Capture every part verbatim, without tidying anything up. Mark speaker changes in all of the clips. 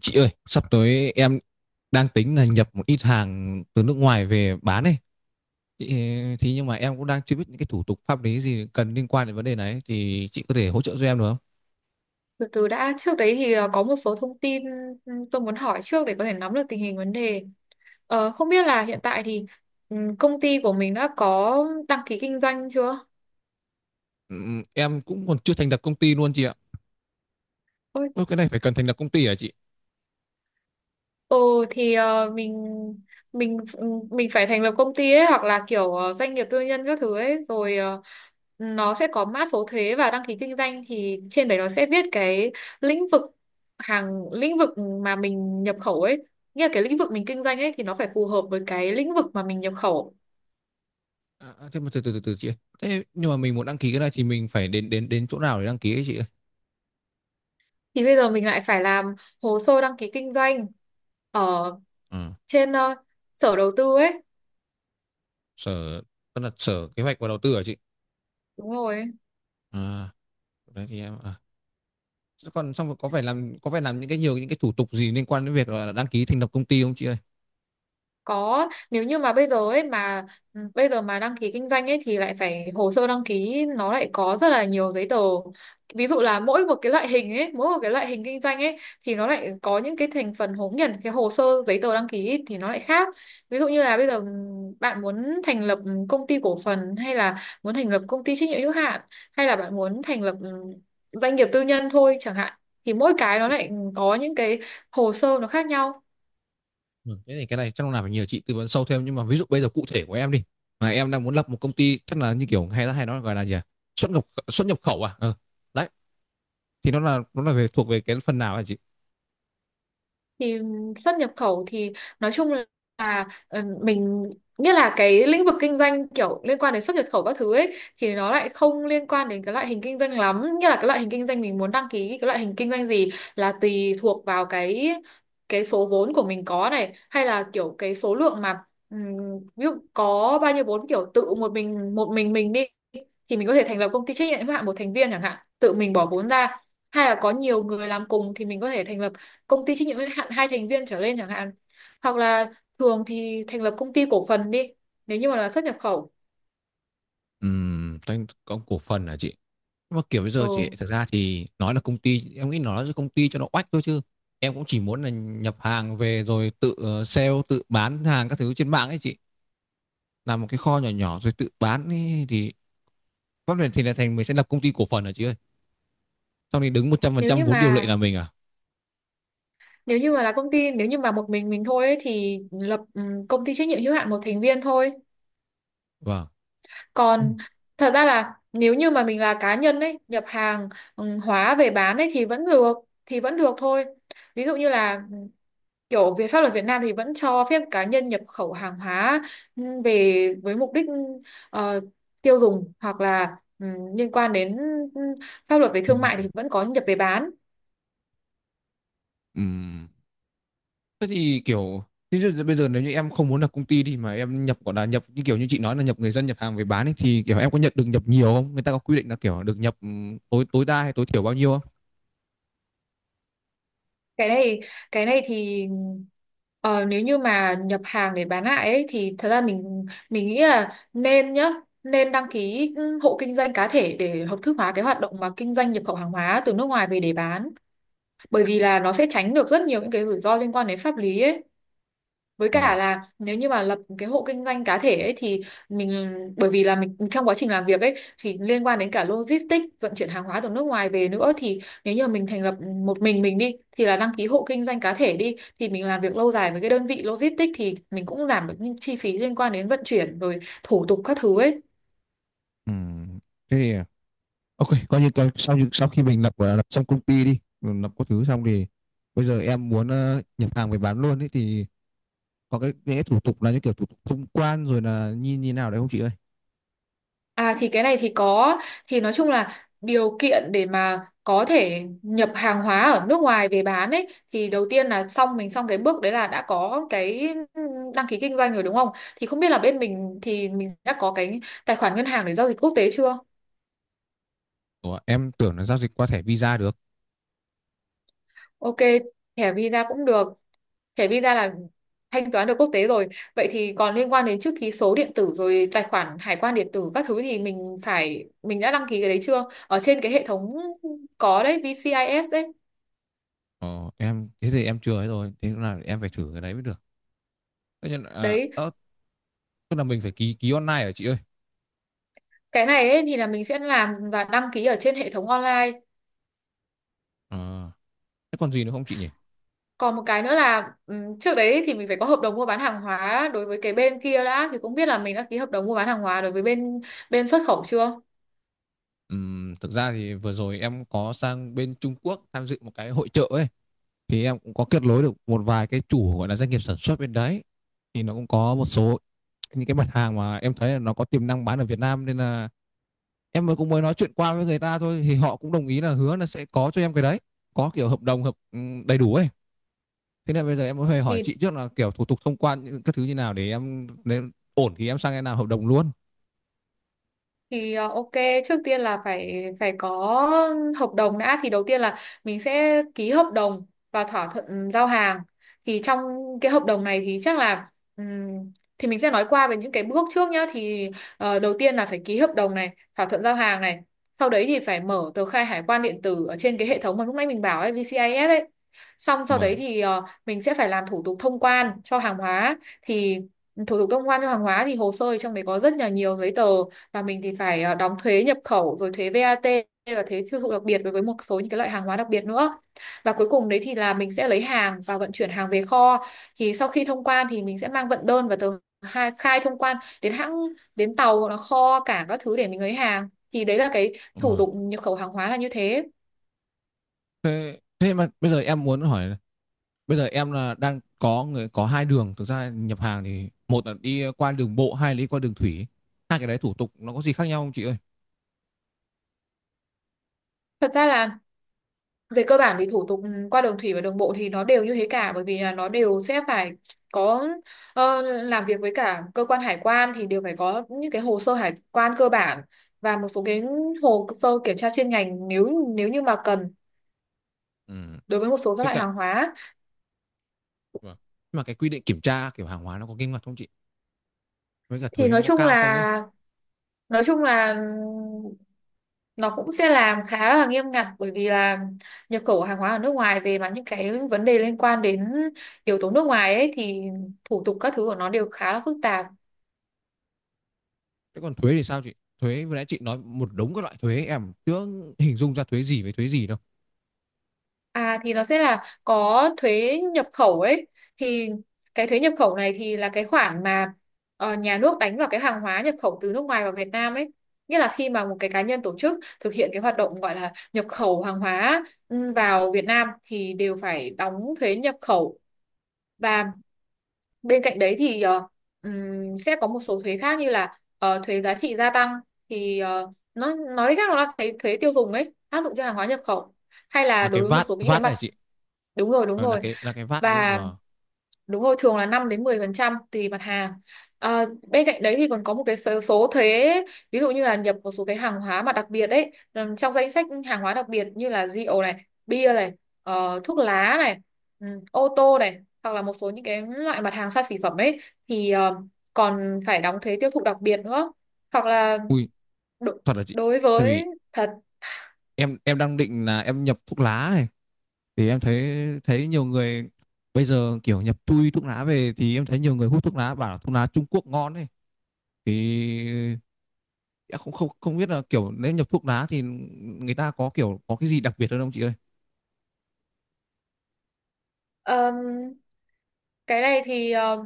Speaker 1: Chị ơi, sắp tới em đang tính là nhập một ít hàng từ nước ngoài về bán ấy. Chị, thì nhưng mà em cũng đang chưa biết những cái thủ tục pháp lý gì cần liên quan đến vấn đề này, thì chị có thể hỗ trợ cho em được không?
Speaker 2: Từ từ đã, trước đấy thì ờ, có một số thông tin ừ, tôi muốn hỏi trước để có thể nắm được tình hình vấn đề. Ờ, không biết là hiện tại thì ừ, công ty của mình đã có đăng ký kinh doanh chưa?
Speaker 1: Ừm, em cũng còn chưa thành lập công ty luôn chị ạ. Ôi, cái này phải cần thành lập công ty hả chị?
Speaker 2: Ừ, thì ờ, mình mình mình phải thành lập công ty ấy, hoặc là kiểu ờ, doanh nghiệp tư nhân các thứ ấy, rồi ờ, nó sẽ có mã số thuế và đăng ký kinh doanh, thì trên đấy nó sẽ viết cái lĩnh vực hàng lĩnh vực mà mình nhập khẩu ấy, nghĩa là cái lĩnh vực mình kinh doanh ấy thì nó phải phù hợp với cái lĩnh vực mà mình nhập khẩu.
Speaker 1: À, à, thế mà từ từ từ từ chị ơi. Thế nhưng mà mình muốn đăng ký cái này thì mình phải đến đến đến chỗ nào để đăng ký ấy chị ơi?
Speaker 2: Thì bây giờ mình lại phải làm hồ sơ đăng ký kinh doanh ở
Speaker 1: Ừ,
Speaker 2: trên ờ, sở đầu tư ấy.
Speaker 1: sở tức là sở kế hoạch và đầu tư hả chị?
Speaker 2: Đúng rồi.
Speaker 1: À, đấy thì em à. Thế còn xong rồi có phải làm có phải làm những cái nhiều những cái thủ tục gì liên quan đến việc là đăng ký thành lập công ty không chị ơi?
Speaker 2: Có, nếu như mà bây giờ ấy mà ừ, bây giờ mà đăng ký kinh doanh ấy thì lại phải hồ sơ đăng ký nó lại có rất là nhiều giấy tờ. Ví dụ là mỗi một cái loại hình ấy, mỗi một cái loại hình kinh doanh ấy thì nó lại có những cái thành phần hố nhận cái hồ sơ giấy tờ đăng ký ấy, thì nó lại khác. Ví dụ như là bây giờ ừ, bạn muốn thành lập ừ, công ty cổ phần, hay là muốn thành lập công ty trách nhiệm hữu hạn, hay là bạn muốn thành lập ừ, doanh nghiệp tư nhân thôi chẳng hạn, thì mỗi cái nó lại có những cái hồ sơ nó khác nhau.
Speaker 1: Ừ, thế thì cái này chắc là phải nhờ chị tư vấn sâu thêm, nhưng mà ví dụ bây giờ cụ thể của em đi, mà em đang muốn lập một công ty chắc là như kiểu hay là hay nói gọi là gì à? xuất nhập xuất nhập khẩu à ừ. Đấy thì nó là nó là về thuộc về cái phần nào hả chị?
Speaker 2: Thì xuất nhập khẩu thì nói chung là ờ, mình nghĩa là cái lĩnh vực kinh doanh kiểu liên quan đến xuất nhập khẩu các thứ ấy thì nó lại không liên quan đến cái loại hình kinh doanh lắm, nghĩa là cái loại hình kinh doanh mình muốn đăng ký, cái loại hình kinh doanh gì là tùy thuộc vào cái cái số vốn của mình có này, hay là kiểu cái số lượng mà ừm, ví dụ có bao nhiêu vốn, kiểu tự một mình một mình mình đi thì mình có thể thành lập công ty trách nhiệm hữu hạn một thành viên chẳng hạn, tự mình bỏ vốn ra, hay là có nhiều người làm cùng thì mình có thể thành lập công ty trách nhiệm hữu hạn hai thành viên trở lên chẳng hạn. Hoặc là thường thì thành lập công ty cổ phần đi, nếu như mà là xuất nhập khẩu.
Speaker 1: Ừm, tranh có cổ phần hả chị, nhưng mà kiểu bây giờ chị
Speaker 2: Ừ.
Speaker 1: thực ra thì nói là công ty em nghĩ nói là công ty cho nó oách thôi chứ em cũng chỉ muốn là nhập hàng về rồi tự ờ, sale, tự bán hàng các thứ trên mạng ấy chị, làm một cái kho nhỏ nhỏ rồi tự bán ấy, thì pháp luật thì là thành mình sẽ lập công ty cổ phần hả chị ơi, sau này đứng một trăm phần
Speaker 2: nếu
Speaker 1: trăm
Speaker 2: như
Speaker 1: vốn điều lệ
Speaker 2: mà
Speaker 1: là mình à?
Speaker 2: Nếu như mà là công ty, nếu như mà một mình mình thôi ấy, thì lập ừm, công ty trách nhiệm hữu hạn một thành viên thôi.
Speaker 1: Vâng. Ừ.
Speaker 2: Còn thật ra là nếu như mà mình là cá nhân ấy nhập hàng ừm, hóa về bán ấy, thì vẫn được, thì vẫn được thôi. Ví dụ như là kiểu về pháp luật Việt Nam thì vẫn cho phép cá nhân nhập khẩu hàng hóa ừ, về với mục đích ờ, tiêu dùng, hoặc là ừ, liên quan đến ừ, pháp luật về
Speaker 1: Thương
Speaker 2: thương
Speaker 1: mại.
Speaker 2: mại thì vẫn có nhập về bán.
Speaker 1: Ừ. Thế thì kiểu thế thì bây giờ nếu như em không muốn lập công ty đi, mà em nhập gọi là nhập như kiểu như chị nói là nhập người dân nhập hàng về bán ấy, thì kiểu em có nhận được nhập nhiều không? Người ta có quy định là kiểu được nhập, ừm, tối tối đa hay tối thiểu bao nhiêu không?
Speaker 2: Cái này cái này thì ờ, nếu như mà nhập hàng để bán lại ấy, thì thật ra mình mình nghĩ là nên nhá, nên đăng ký ừ, hộ kinh doanh cá thể để hợp thức hóa cái hoạt động mà kinh doanh nhập khẩu hàng hóa từ nước ngoài về để bán, bởi vì là nó sẽ tránh được rất nhiều những cái rủi ro liên quan đến pháp lý ấy. Với
Speaker 1: Ờ.
Speaker 2: cả là nếu như mà lập cái hộ kinh doanh cá thể ấy thì mình bởi vì là mình trong quá trình làm việc ấy thì liên quan đến cả logistics vận chuyển hàng hóa từ nước ngoài về nữa, thì nếu như mà mình thành lập một mình mình đi, thì là đăng ký hộ kinh doanh cá thể đi thì mình làm việc lâu dài với cái đơn vị logistics, thì mình cũng giảm được những chi phí liên quan đến vận chuyển rồi thủ tục các thứ ấy.
Speaker 1: Ừ. Thế thì ok, coi như coi, sau sau khi mình lập gọi là lập xong công ty đi, mình lập có thứ xong thì bây giờ em muốn ờ, nhập hàng về bán luôn ấy, thì có cái những cái thủ tục là những kiểu thủ tục thông quan rồi là như như nào đấy không chị ơi?
Speaker 2: À thì cái này thì có, thì nói chung là điều kiện để mà có thể nhập hàng hóa ở nước ngoài về bán ấy, thì đầu tiên là xong mình xong cái bước đấy là đã có cái đăng ký kinh doanh rồi, đúng không? Thì không biết là bên mình thì mình đã có cái tài khoản ngân hàng để giao dịch quốc tế chưa?
Speaker 1: Ủa, em tưởng là giao dịch qua thẻ Visa được.
Speaker 2: Ok, thẻ Visa cũng được. Thẻ Visa là thanh toán được quốc tế rồi. Vậy thì còn liên quan đến chữ ký số điện tử rồi tài khoản hải quan điện tử các thứ thì mình phải, mình đã đăng ký cái đấy chưa, ở trên cái hệ thống có đấy vê xê i ét đấy?
Speaker 1: Ờ, em thế thì em chưa ấy rồi, thế là em phải thử cái đấy mới được, thế nhưng à,
Speaker 2: Đấy,
Speaker 1: ờ, tức là mình phải ký ký online hả chị ơi?
Speaker 2: cái này ấy, thì là mình sẽ làm và đăng ký ở trên hệ thống online.
Speaker 1: Ờ, thế còn gì nữa không chị nhỉ?
Speaker 2: Còn một cái nữa là ừm, trước đấy thì mình phải có hợp đồng mua bán hàng hóa đối với cái bên kia đã, thì cũng biết là mình đã ký hợp đồng mua bán hàng hóa đối với bên bên xuất khẩu chưa?
Speaker 1: Ừm, thực ra thì vừa rồi em có sang bên Trung Quốc tham dự một cái hội chợ ấy, thì em cũng có kết nối được một vài cái chủ gọi là doanh nghiệp sản xuất bên đấy, thì nó cũng có một số những cái mặt hàng mà em thấy là nó có tiềm năng bán ở Việt Nam, nên là em mới cũng mới nói chuyện qua với người ta thôi, thì họ cũng đồng ý là hứa là sẽ có cho em cái đấy, có kiểu hợp đồng hợp ừm, đầy đủ ấy. Thế nên bây giờ em cũng phải hỏi
Speaker 2: Thì
Speaker 1: chị trước là kiểu thủ tục thông quan những các thứ như nào, để em nếu ổn thì em sang em làm hợp đồng luôn.
Speaker 2: thì ờ, ok, trước tiên là phải phải có hợp đồng đã, thì đầu tiên là mình sẽ ký hợp đồng và thỏa thuận giao hàng. Thì trong cái hợp đồng này thì chắc là ừm, thì mình sẽ nói qua về những cái bước trước nhá, thì ờ, đầu tiên là phải ký hợp đồng này, thỏa thuận giao hàng này, sau đấy thì phải mở tờ khai hải quan điện tử ở trên cái hệ thống mà lúc nãy mình bảo ấy, vê xê i ét ấy, xong sau đấy
Speaker 1: Vâng.
Speaker 2: thì ờ, mình sẽ phải làm thủ tục thông quan cho hàng hóa. Thì thủ tục thông quan cho hàng hóa thì hồ sơ thì trong đấy có rất là nhiều giấy tờ, và mình thì phải ờ, đóng thuế nhập khẩu rồi thuế vát và thuế tiêu thụ đặc biệt đối với một số những cái loại hàng hóa đặc biệt nữa. Và cuối cùng đấy thì là mình sẽ lấy hàng và vận chuyển hàng về kho. Thì sau khi thông quan thì mình sẽ mang vận đơn và tờ khai, khai thông quan đến hãng, đến tàu hoặc là kho cảng các thứ để mình lấy hàng. Thì đấy là cái thủ
Speaker 1: Vâng.
Speaker 2: tục nhập khẩu hàng hóa là như thế.
Speaker 1: Thế, thế mà bây giờ em muốn hỏi, bây giờ em là đang có người có hai đường thực ra nhập hàng, thì một là đi qua đường bộ, hai là đi qua đường thủy. Hai cái đấy thủ tục nó có gì khác nhau không chị ơi?
Speaker 2: Thật ra là về cơ bản thì thủ tục ừ, qua đường thủy và đường bộ thì nó đều như thế cả, bởi vì là nó đều sẽ phải có ờ, làm việc với cả cơ quan hải quan, thì đều phải có những cái hồ sơ hải quan cơ bản và một số cái hồ sơ kiểm tra chuyên ngành nếu nếu như mà cần
Speaker 1: Ừ.
Speaker 2: đối với một số các
Speaker 1: Với
Speaker 2: loại
Speaker 1: cả,
Speaker 2: hàng hóa.
Speaker 1: vâng. Mà cái quy định kiểm tra kiểu hàng hóa nó có nghiêm ngặt không chị, với cả
Speaker 2: Thì
Speaker 1: thuế nó
Speaker 2: nói
Speaker 1: có
Speaker 2: chung
Speaker 1: cao không ấy?
Speaker 2: là nói chung là nó cũng sẽ làm khá là nghiêm ngặt, bởi vì là nhập khẩu hàng hóa ở nước ngoài về mà những cái vấn đề liên quan đến yếu tố nước ngoài ấy thì thủ tục các thứ của nó đều khá là phức tạp.
Speaker 1: Thế còn thuế thì sao chị? Thuế vừa nãy chị nói một đống các loại thuế, em chưa hình dung ra thuế gì với thuế gì đâu.
Speaker 2: À thì nó sẽ là có thuế nhập khẩu ấy, thì cái thuế nhập khẩu này thì là cái khoản mà ờ, nhà nước đánh vào cái hàng hóa nhập khẩu từ nước ngoài vào Việt Nam ấy, nghĩa là khi mà một cái cá nhân tổ chức thực hiện cái hoạt động gọi là nhập khẩu hàng hóa ừ, vào Việt Nam thì đều phải đóng thuế nhập khẩu. Và bên cạnh đấy thì ờ, ừm, sẽ có một số thuế khác như là ờ, thuế giá trị gia tăng, thì ờ, nó nói cách khác nó là cái thuế tiêu dùng ấy áp dụng cho hàng hóa nhập khẩu, hay
Speaker 1: Là
Speaker 2: là
Speaker 1: cái
Speaker 2: đối với một
Speaker 1: vát
Speaker 2: số những cái
Speaker 1: vát
Speaker 2: mặt.
Speaker 1: này chị.
Speaker 2: Đúng rồi, đúng
Speaker 1: Ờ, là
Speaker 2: rồi.
Speaker 1: cái là cái vát đúng không?
Speaker 2: Và
Speaker 1: Wow.
Speaker 2: đúng rồi, thường là năm đến mười phần trăm tùy mặt hàng. À, bên cạnh đấy thì còn có một cái số, số thuế, ví dụ như là nhập một số cái hàng hóa mà đặc biệt ấy, ừm, trong danh sách hàng hóa đặc biệt như là rượu này, bia này, ờ, thuốc lá này, ừm, ô tô này, hoặc là một số những cái loại mặt hàng xa xỉ phẩm ấy thì ờ, còn phải đóng thuế tiêu thụ đặc biệt nữa. Hoặc là
Speaker 1: Ui,
Speaker 2: đo-
Speaker 1: thật là chị.
Speaker 2: đối
Speaker 1: Tại
Speaker 2: với
Speaker 1: vì em em đang định là em nhập thuốc lá này, thì em thấy thấy nhiều người bây giờ kiểu nhập chui thuốc lá về, thì em thấy nhiều người hút thuốc lá bảo là thuốc lá Trung Quốc ngon ấy. Thì em không không không biết là kiểu nếu nhập thuốc lá thì người ta có kiểu có cái gì đặc biệt hơn không chị ơi?
Speaker 2: thật cái này thì ờ,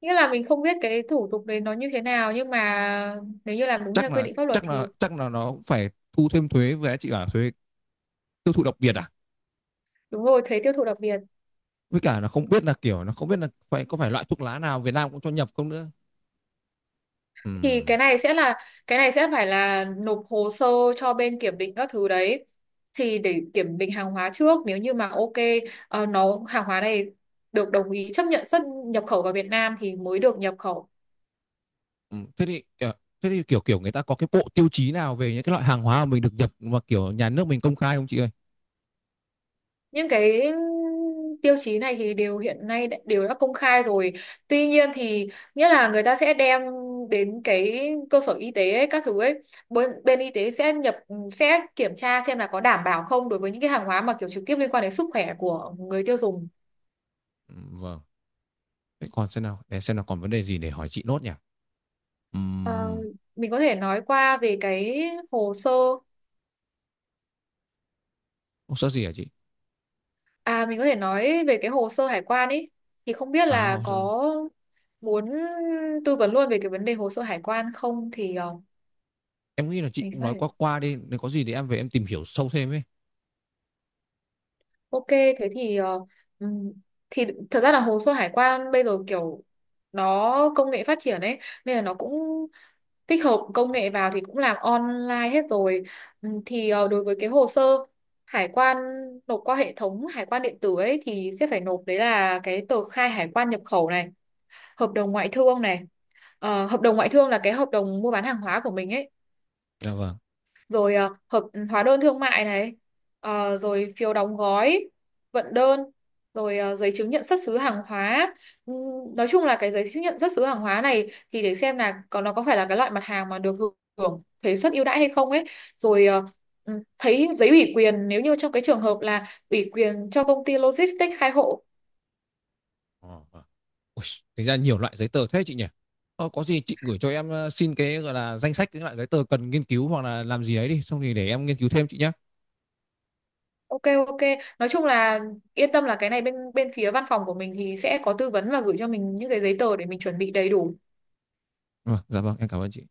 Speaker 2: nghĩa là mình không biết cái thủ tục đấy nó như thế nào, nhưng mà nếu như làm đúng
Speaker 1: Chắc
Speaker 2: theo quy
Speaker 1: là
Speaker 2: định pháp luật
Speaker 1: chắc là
Speaker 2: thì
Speaker 1: chắc là nó phải thu thêm thuế, với chị bảo thuế tiêu thụ đặc biệt à?
Speaker 2: đúng rồi, thuế tiêu thụ đặc biệt.
Speaker 1: Với cả là không biết là kiểu nó không biết là phải có phải loại thuốc lá nào Việt Nam cũng cho nhập không nữa.
Speaker 2: Thì cái
Speaker 1: Ừm.
Speaker 2: này sẽ là, cái này sẽ phải là nộp hồ sơ cho bên kiểm định các thứ đấy thì để kiểm định hàng hóa trước, nếu như mà ok, ờ, nó hàng hóa này được đồng ý chấp nhận xuất nhập khẩu vào Việt Nam thì mới được nhập khẩu.
Speaker 1: Ừ, thế thì kiểu, thế thì kiểu kiểu người ta có cái bộ tiêu chí nào về những cái loại hàng hóa mà mình được nhập, mà kiểu nhà nước mình công khai không chị ơi?
Speaker 2: Những cái tiêu chí này thì đều hiện nay đã- đều đã công khai rồi, tuy nhiên thì nghĩa là người ta sẽ đem đến cái cơ sở y tế ấy, các thứ ấy, bên, bên y tế sẽ nhập sẽ kiểm tra xem là có đảm bảo không đối với những cái hàng hóa mà kiểu trực tiếp liên quan đến sức khỏe của người tiêu dùng.
Speaker 1: Ừ, vâng. Thế còn xem nào, để xem nào còn vấn đề gì để hỏi chị nốt nhỉ?
Speaker 2: Ờ,
Speaker 1: Ừm,
Speaker 2: mình có thể nói qua về cái hồ sơ,
Speaker 1: Hồ sơ gì hả chị?
Speaker 2: à mình có thể nói về cái hồ sơ hải quan ấy, thì không biết
Speaker 1: À,
Speaker 2: là
Speaker 1: hồ sơ.
Speaker 2: có muốn tư vấn luôn về cái vấn đề hồ sơ hải quan không, thì ờ,
Speaker 1: Em nghĩ là chị
Speaker 2: mình
Speaker 1: cũng
Speaker 2: có
Speaker 1: nói
Speaker 2: thể.
Speaker 1: qua qua đi, nếu có gì thì em về em tìm hiểu sâu thêm ấy.
Speaker 2: Ok, thế thì ờ, ừm, thì thật ra là hồ sơ hải quan bây giờ kiểu nó công nghệ phát triển ấy, nên là nó cũng tích hợp công nghệ vào thì cũng làm online hết rồi. Ừm, thì ờ, đối với cái hồ sơ hải quan nộp qua hệ thống hải quan điện tử ấy thì sẽ phải nộp, đấy là cái tờ khai hải quan nhập khẩu này, hợp đồng ngoại thương này. Ờ, hợp đồng ngoại thương là cái hợp đồng mua bán hàng hóa của mình ấy,
Speaker 1: Dạ vâng.
Speaker 2: rồi à, hợp hóa đơn thương mại này, ờ, rồi phiếu đóng gói, vận đơn, rồi à, giấy chứng nhận xuất xứ hàng hóa. Ừm, nói chung là cái giấy chứng nhận xuất xứ hàng hóa này thì để xem là còn nó có phải là cái loại mặt hàng mà được hưởng thuế suất ưu đãi hay không ấy, rồi à, ừm, thấy giấy ủy quyền nếu như trong cái trường hợp là ủy quyền cho công ty logistics khai hộ.
Speaker 1: Ờ, vâng. Ui, tính ra nhiều loại giấy tờ thế chị nhỉ? Ờ, có gì chị gửi cho em ờ, xin cái gọi là danh sách những loại giấy tờ cần nghiên cứu hoặc là làm gì đấy đi, xong thì để em nghiên cứu thêm chị nhé.
Speaker 2: Ok, ok, nói chung là yên tâm là cái này bên bên phía văn phòng của mình thì sẽ có tư vấn và gửi cho mình những cái giấy tờ để mình chuẩn bị đầy đủ.
Speaker 1: Vâng, dạ vâng, em cảm ơn chị.